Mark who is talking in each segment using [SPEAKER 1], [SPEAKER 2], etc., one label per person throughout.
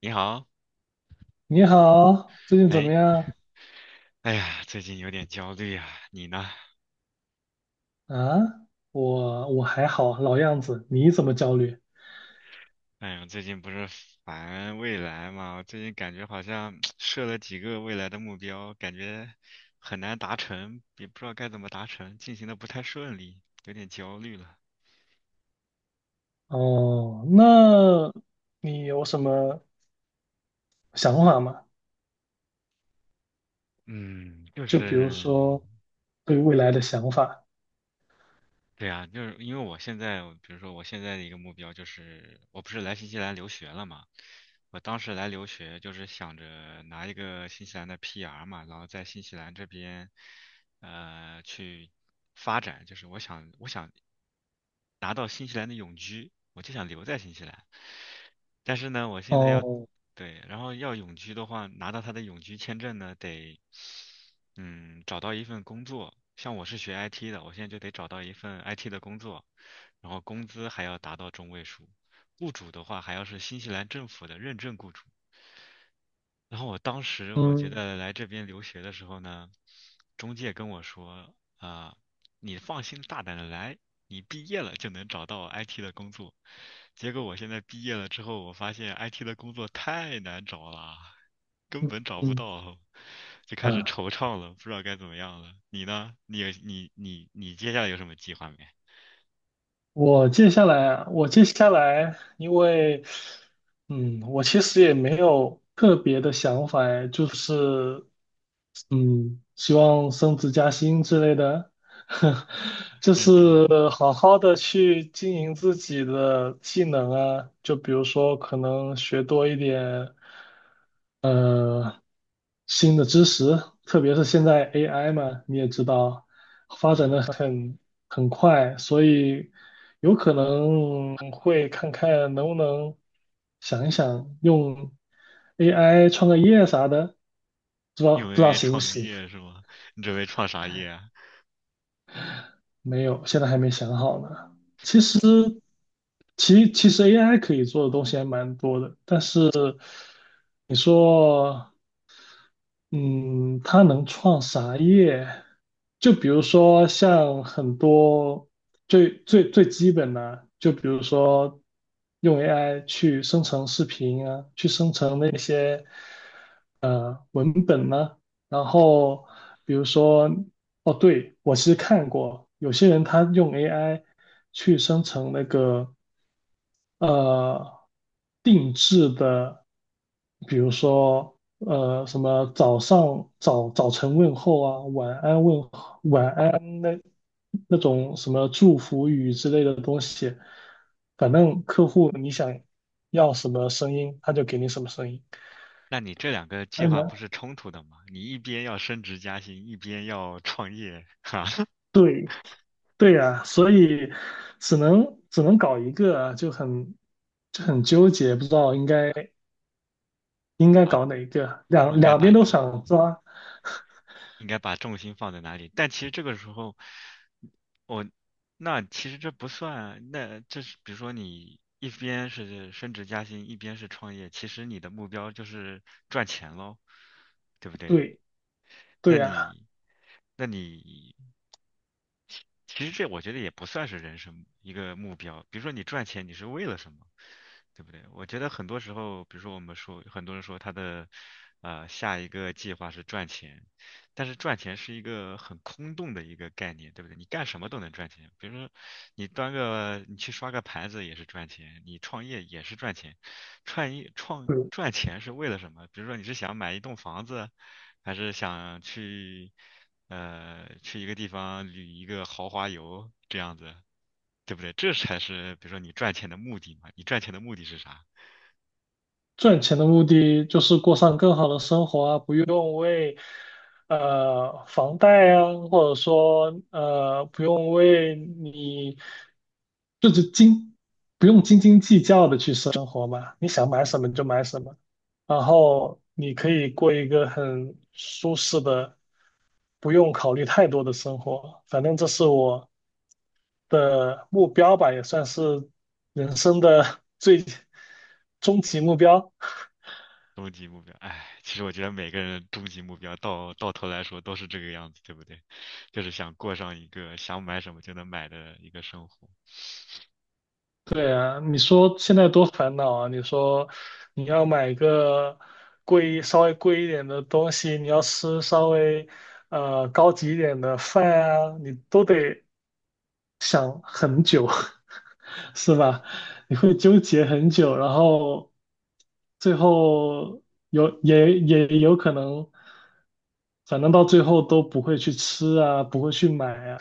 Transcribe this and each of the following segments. [SPEAKER 1] 你好，
[SPEAKER 2] 你好，最近怎么
[SPEAKER 1] 哎，
[SPEAKER 2] 样
[SPEAKER 1] 哎呀，最近有点焦虑啊，你呢？
[SPEAKER 2] 啊？我还好，老样子。你怎么焦虑？
[SPEAKER 1] 哎呀，最近不是烦未来嘛，我最近感觉好像 设了几个未来的目标，感觉很难达成，也不知道该怎么达成，进行的不太顺利，有点焦虑了。
[SPEAKER 2] 哦，那你有什么想法吗？
[SPEAKER 1] 嗯，就
[SPEAKER 2] 就比如
[SPEAKER 1] 是
[SPEAKER 2] 说对未来的想法。
[SPEAKER 1] 对呀，就是因为我现在，比如说我现在的一个目标就是，我不是来新西兰留学了嘛，我当时来留学就是想着拿一个新西兰的 PR 嘛，然后在新西兰这边，去发展，就是我想，拿到新西兰的永居，我就想留在新西兰。但是呢，我现在要，
[SPEAKER 2] 哦，
[SPEAKER 1] 对，然后要永居的话，拿到他的永居签证呢，得，找到一份工作。像我是学 IT 的，我现在就得找到一份 IT 的工作，然后工资还要达到中位数。雇主的话还要是新西兰政府的认证雇主，然后我当时我觉
[SPEAKER 2] 嗯
[SPEAKER 1] 得来这边留学的时候呢，中介跟我说啊、你放心大胆的来，你毕业了就能找到 IT 的工作。结果我现在毕业了之后，我发现 IT 的工作太难找了，根
[SPEAKER 2] 嗯
[SPEAKER 1] 本找不
[SPEAKER 2] 嗯
[SPEAKER 1] 到，就开始
[SPEAKER 2] 啊，
[SPEAKER 1] 惆怅了，不知道该怎么样了。你呢？你接下来有什么计划没？
[SPEAKER 2] 我接下来，因为我其实也没有特别的想法，哎就是希望升职加薪之类的，就
[SPEAKER 1] 认真，
[SPEAKER 2] 是好好的去经营自己的技能啊，就比如说可能学多一点新的知识，特别是现在 AI 嘛，你也知道，发展
[SPEAKER 1] 嗯，
[SPEAKER 2] 的很快，所以有可能会看看能不能想一想用 AI 创个业啥的，不知道
[SPEAKER 1] 有
[SPEAKER 2] 不知
[SPEAKER 1] 没
[SPEAKER 2] 道
[SPEAKER 1] 有
[SPEAKER 2] 行不
[SPEAKER 1] 创个
[SPEAKER 2] 行。
[SPEAKER 1] 业是吗？你准备创啥业啊？
[SPEAKER 2] 没有，现在还没想好呢。其实，其实 AI 可以做的东西还蛮多的，但是你说，嗯，它能创啥业？就比如说像很多最最最基本的，就比如说用 AI 去生成视频啊，去生成那些。文本呢，然后比如说，哦，对，我其实看过有些人他用 AI 去生成那个呃定制的，比如说什么早上早早晨问候啊，晚安问候那种什么祝福语之类的东西，反正客户你想要什么声音，他就给你什么声音，
[SPEAKER 1] 那你这两个计
[SPEAKER 2] 还
[SPEAKER 1] 划
[SPEAKER 2] 蛮
[SPEAKER 1] 不是冲突的吗？你一边要升职加薪，一边要创业，哈，
[SPEAKER 2] 对。对呀，所以只能搞一个，就很纠结，不知道应该
[SPEAKER 1] 啊，
[SPEAKER 2] 搞哪一个，两
[SPEAKER 1] 应该
[SPEAKER 2] 两
[SPEAKER 1] 把
[SPEAKER 2] 边都想抓。
[SPEAKER 1] 应该把重心放在哪里？但其实这个时候，我那其实这不算，那这是比如说你一边是升职加薪，一边是创业，其实你的目标就是赚钱喽，对不对？
[SPEAKER 2] 对对
[SPEAKER 1] 那
[SPEAKER 2] 呀，
[SPEAKER 1] 你那你其实这我觉得也不算是人生一个目标。比如说你赚钱，你是为了什么，对不对？我觉得很多时候，比如说我们说，很多人说他的下一个计划是赚钱，但是赚钱是一个很空洞的一个概念，对不对？你干什么都能赚钱，比如说你去刷个盘子也是赚钱，你创业也是赚钱，创业赚钱是为了什么？比如说你是想买一栋房子，还是想去一个地方旅一个豪华游这样子，对不对？这才是比如说你赚钱的目的嘛。你赚钱的目的是啥？
[SPEAKER 2] 赚钱的目的就是过上更好的生活啊，不用为房贷啊，或者说不用为你就是不用斤斤计较的去生活嘛，你想买什么就买什么，然后你可以过一个很舒适的，不用考虑太多的生活。反正这是我的目标吧，也算是人生的 最终极目标。
[SPEAKER 1] 终极目标，哎，其实我觉得每个人终极目标到头来说都是这个样子，对不对？就是想过上一个想买什么就能买的一个生活。
[SPEAKER 2] 对啊，你说现在多烦恼啊！你说你要买个贵、稍微贵一点的东西，你要吃稍微高级一点的饭啊，你都得想很久，是吧？你会纠结很久，然后最后有也有可能，反正到最后都不会去吃啊，不会去买啊。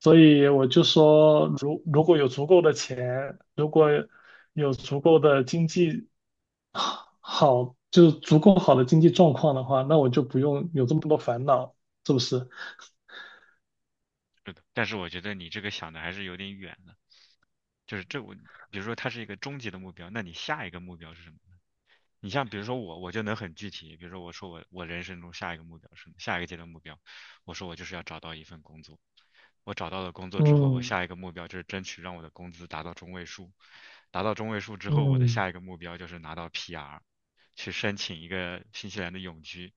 [SPEAKER 2] 所以我就说，如果有足够的钱，如果有足够的经济好，就是足够好的经济状况的话，那我就不用有这么多烦恼，是不是？
[SPEAKER 1] 是的，但是我觉得你这个想的还是有点远了。就是比如说它是一个终极的目标，那你下一个目标是什么？你像比如说我，我就能很具体，比如说我说我人生中下一个目标是下一个阶段目标，我说我就是要找到一份工作。我找到了工作之后，我
[SPEAKER 2] 嗯
[SPEAKER 1] 下一个目标就是争取让我的工资达到中位数，达到中位数之后，我的
[SPEAKER 2] 嗯
[SPEAKER 1] 下一个目标就是拿到 PR，去申请一个新西兰的永居。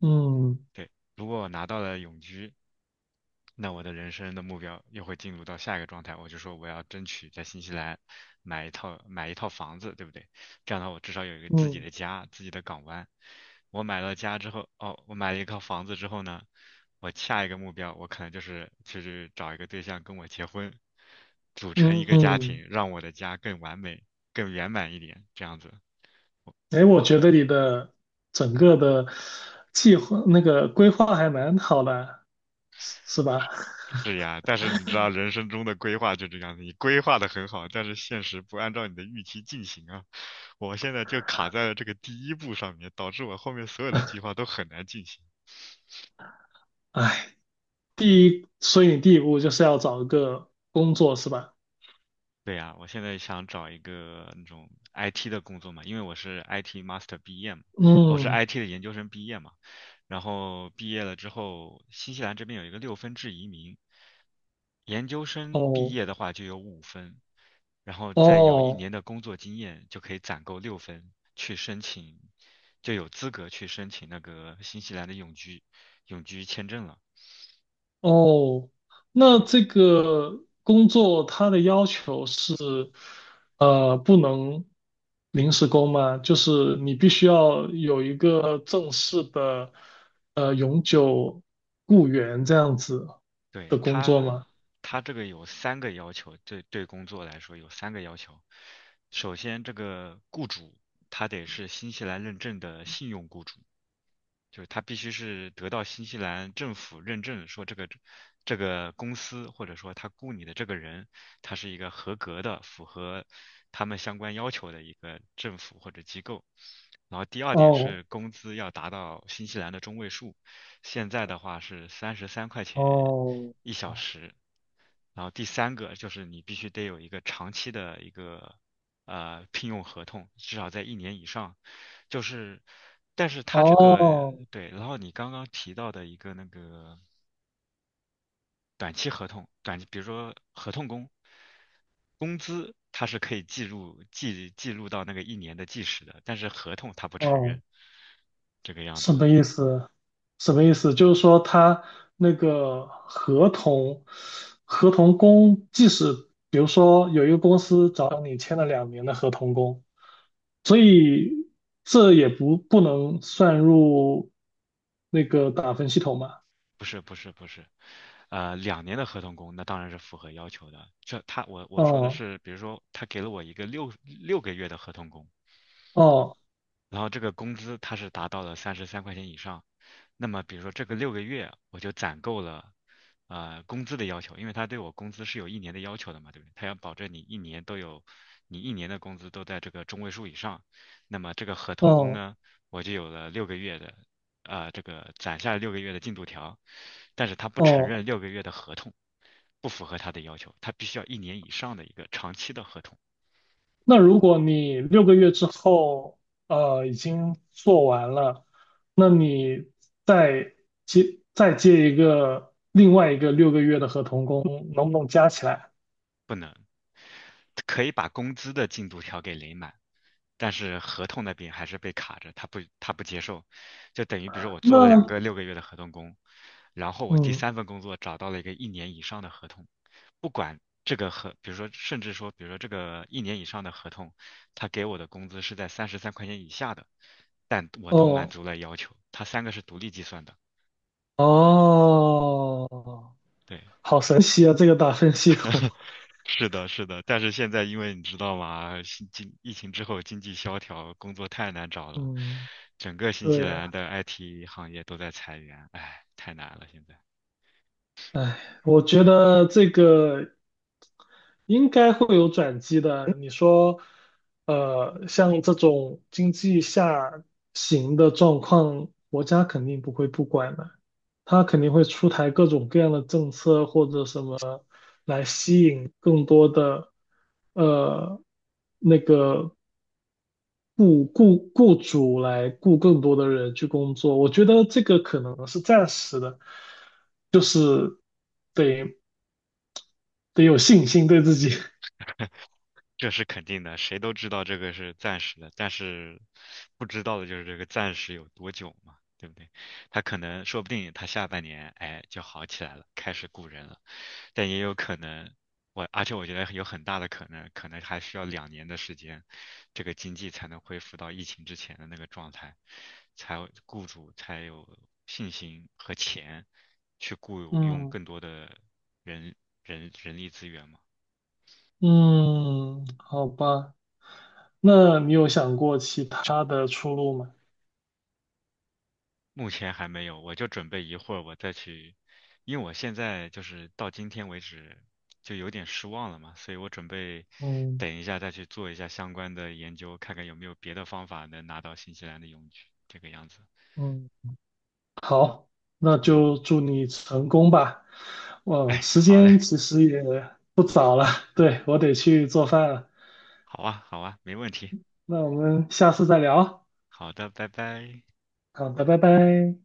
[SPEAKER 2] 嗯
[SPEAKER 1] 对，如果我拿到了永居，那我的人生的目标又会进入到下一个状态，我就说我要争取在新西兰买一套房子，对不对？这样的话，我至少有一个自己
[SPEAKER 2] 嗯
[SPEAKER 1] 的家，自己的港湾。我买了家之后，哦，我买了一套房子之后呢，我下一个目标，我可能就是找一个对象跟我结婚，组成一
[SPEAKER 2] 嗯
[SPEAKER 1] 个家
[SPEAKER 2] 嗯。
[SPEAKER 1] 庭，让我的家更完美、更圆满一点，这样子。
[SPEAKER 2] 哎，我觉得你的整个的计划那个规划还蛮好的，是吧？
[SPEAKER 1] 是呀，但是你知道人生中的规划就这样子，你规划的很好，但是现实不按照你的预期进行啊。我现在就卡在了这个第一步上面，导致我后面所有的计划都很难进行。
[SPEAKER 2] 哎，第一，所以你第一步就是要找一个工作，是吧？
[SPEAKER 1] 对呀，我现在想找一个那种 IT 的工作嘛，因为我是 IT master 毕业嘛，我是
[SPEAKER 2] 嗯，
[SPEAKER 1] IT 的研究生毕业嘛，然后毕业了之后，新西兰这边有一个6分制移民，研究生毕
[SPEAKER 2] 哦
[SPEAKER 1] 业的话就有5分，然后再有一
[SPEAKER 2] 哦
[SPEAKER 1] 年的工作经验就可以攒够六分，去申请，就有资格去申请那个新西兰的永居签证了。
[SPEAKER 2] 哦，那
[SPEAKER 1] 对。
[SPEAKER 2] 这个工作它的要求是，不能临时工吗？就是你必须要有一个正式的，永久雇员这样子
[SPEAKER 1] 对，
[SPEAKER 2] 的工作吗？
[SPEAKER 1] 他这个有三个要求，对对工作来说有三个要求。首先，这个雇主他得是新西兰认证的信用雇主，就是它必须是得到新西兰政府认证，说这个公司或者说他雇你的这个人，他是一个合格的、符合他们相关要求的一个政府或者机构。然后第二点
[SPEAKER 2] 哦
[SPEAKER 1] 是工资要达到新西兰的中位数，现在的话是三十三块钱
[SPEAKER 2] 哦
[SPEAKER 1] 1小时。然后第三个就是你必须得有一个长期的一个聘用合同，至少在一年以上，就是，但是他这个
[SPEAKER 2] 哦
[SPEAKER 1] 对，然后你刚刚提到的一个那个短期合同，比如说合同工，工资他是可以记录到那个一年的计时的，但是合同他不承
[SPEAKER 2] 哦，
[SPEAKER 1] 认这个样
[SPEAKER 2] 什
[SPEAKER 1] 子，
[SPEAKER 2] 么意思？什么意思？就是说他那个合同，合同工，即使比如说有一个公司找你签了2年的合同工，所以这也不能算入那个打分系统嘛？
[SPEAKER 1] 不是不是不是，两年的合同工那当然是符合要求的，这他我我说的
[SPEAKER 2] 哦
[SPEAKER 1] 是，比如说他给了我一个六个月的合同工，
[SPEAKER 2] 哦
[SPEAKER 1] 然后这个工资它是达到了三十三块钱以上，那么比如说这个六个月我就攒够了，工资的要求，因为他对我工资是有一年的要求的嘛，对不对？他要保证你一年都有，你一年的工资都在这个中位数以上，那么这个合同工
[SPEAKER 2] 哦
[SPEAKER 1] 呢，我就有了六个月的，这个攒下六个月的进度条，但是他不承
[SPEAKER 2] 哦
[SPEAKER 1] 认六个月的合同，不符合他的要求，他必须要一年以上的一个长期的合同。
[SPEAKER 2] 那如果你六个月之后，已经做完了，那你再再接一个另外一个六个月的合同工，能不能加起来？
[SPEAKER 1] 不能。可以把工资的进度条给垒满，但是合同那边还是被卡着，他不接受，就等于比如说我做了两
[SPEAKER 2] 那
[SPEAKER 1] 个六个月的合同工，然后我第
[SPEAKER 2] 嗯，
[SPEAKER 1] 三份工作找到了一个一年以上的合同，不管这个合，比如说甚至说，比如说这个一年以上的合同，他给我的工资是在三十三块钱以下的，但我都满
[SPEAKER 2] 哦
[SPEAKER 1] 足了要求，他三个是独立计算的，
[SPEAKER 2] 哦，
[SPEAKER 1] 对，
[SPEAKER 2] 好神奇啊，这个打分系统。
[SPEAKER 1] 是的，是的，但是现在因为你知道吗，新经疫情之后经济萧条，工作太难找了，
[SPEAKER 2] 嗯，
[SPEAKER 1] 整个新西
[SPEAKER 2] 对
[SPEAKER 1] 兰
[SPEAKER 2] 啊，
[SPEAKER 1] 的 IT 行业都在裁员，唉，太难了现在。
[SPEAKER 2] 哎，我觉得这个。应该会有转机的。你说，像这种经济下行的状况，国家肯定不会不管的，它肯定会出台各种各样的政策或者什么来吸引更多的，呃，那个雇主来雇更多的人去工作。我觉得这个可能是暂时的，就是得得有信心对自己，
[SPEAKER 1] 这是肯定的，谁都知道这个是暂时的，但是不知道的就是这个暂时有多久嘛，对不对？他可能说不定他下半年哎就好起来了，开始雇人了，但也有可能而且我觉得有很大的可能，可能还需要两年的时间，这个经济才能恢复到疫情之前的那个状态，才有雇主才有信心和钱去 雇佣
[SPEAKER 2] 嗯。
[SPEAKER 1] 更多的人力资源嘛。
[SPEAKER 2] 嗯，好吧，那你有想过其他的出路吗？
[SPEAKER 1] 目前还没有，我就准备一会儿我再去，因为我现在就是到今天为止就有点失望了嘛，所以我准备
[SPEAKER 2] 嗯
[SPEAKER 1] 等一下再去做一下相关的研究，看看有没有别的方法能拿到新西兰的永居，这个样子。
[SPEAKER 2] 嗯，好，那就
[SPEAKER 1] 嗯，
[SPEAKER 2] 祝你成功吧。哦，
[SPEAKER 1] 哎，
[SPEAKER 2] 时
[SPEAKER 1] 好嘞，
[SPEAKER 2] 间其实也不早了，对，我得去做饭了。
[SPEAKER 1] 好啊，好啊，没问题。
[SPEAKER 2] 那我们下次再聊。
[SPEAKER 1] 好的，拜拜。
[SPEAKER 2] 好的，拜拜。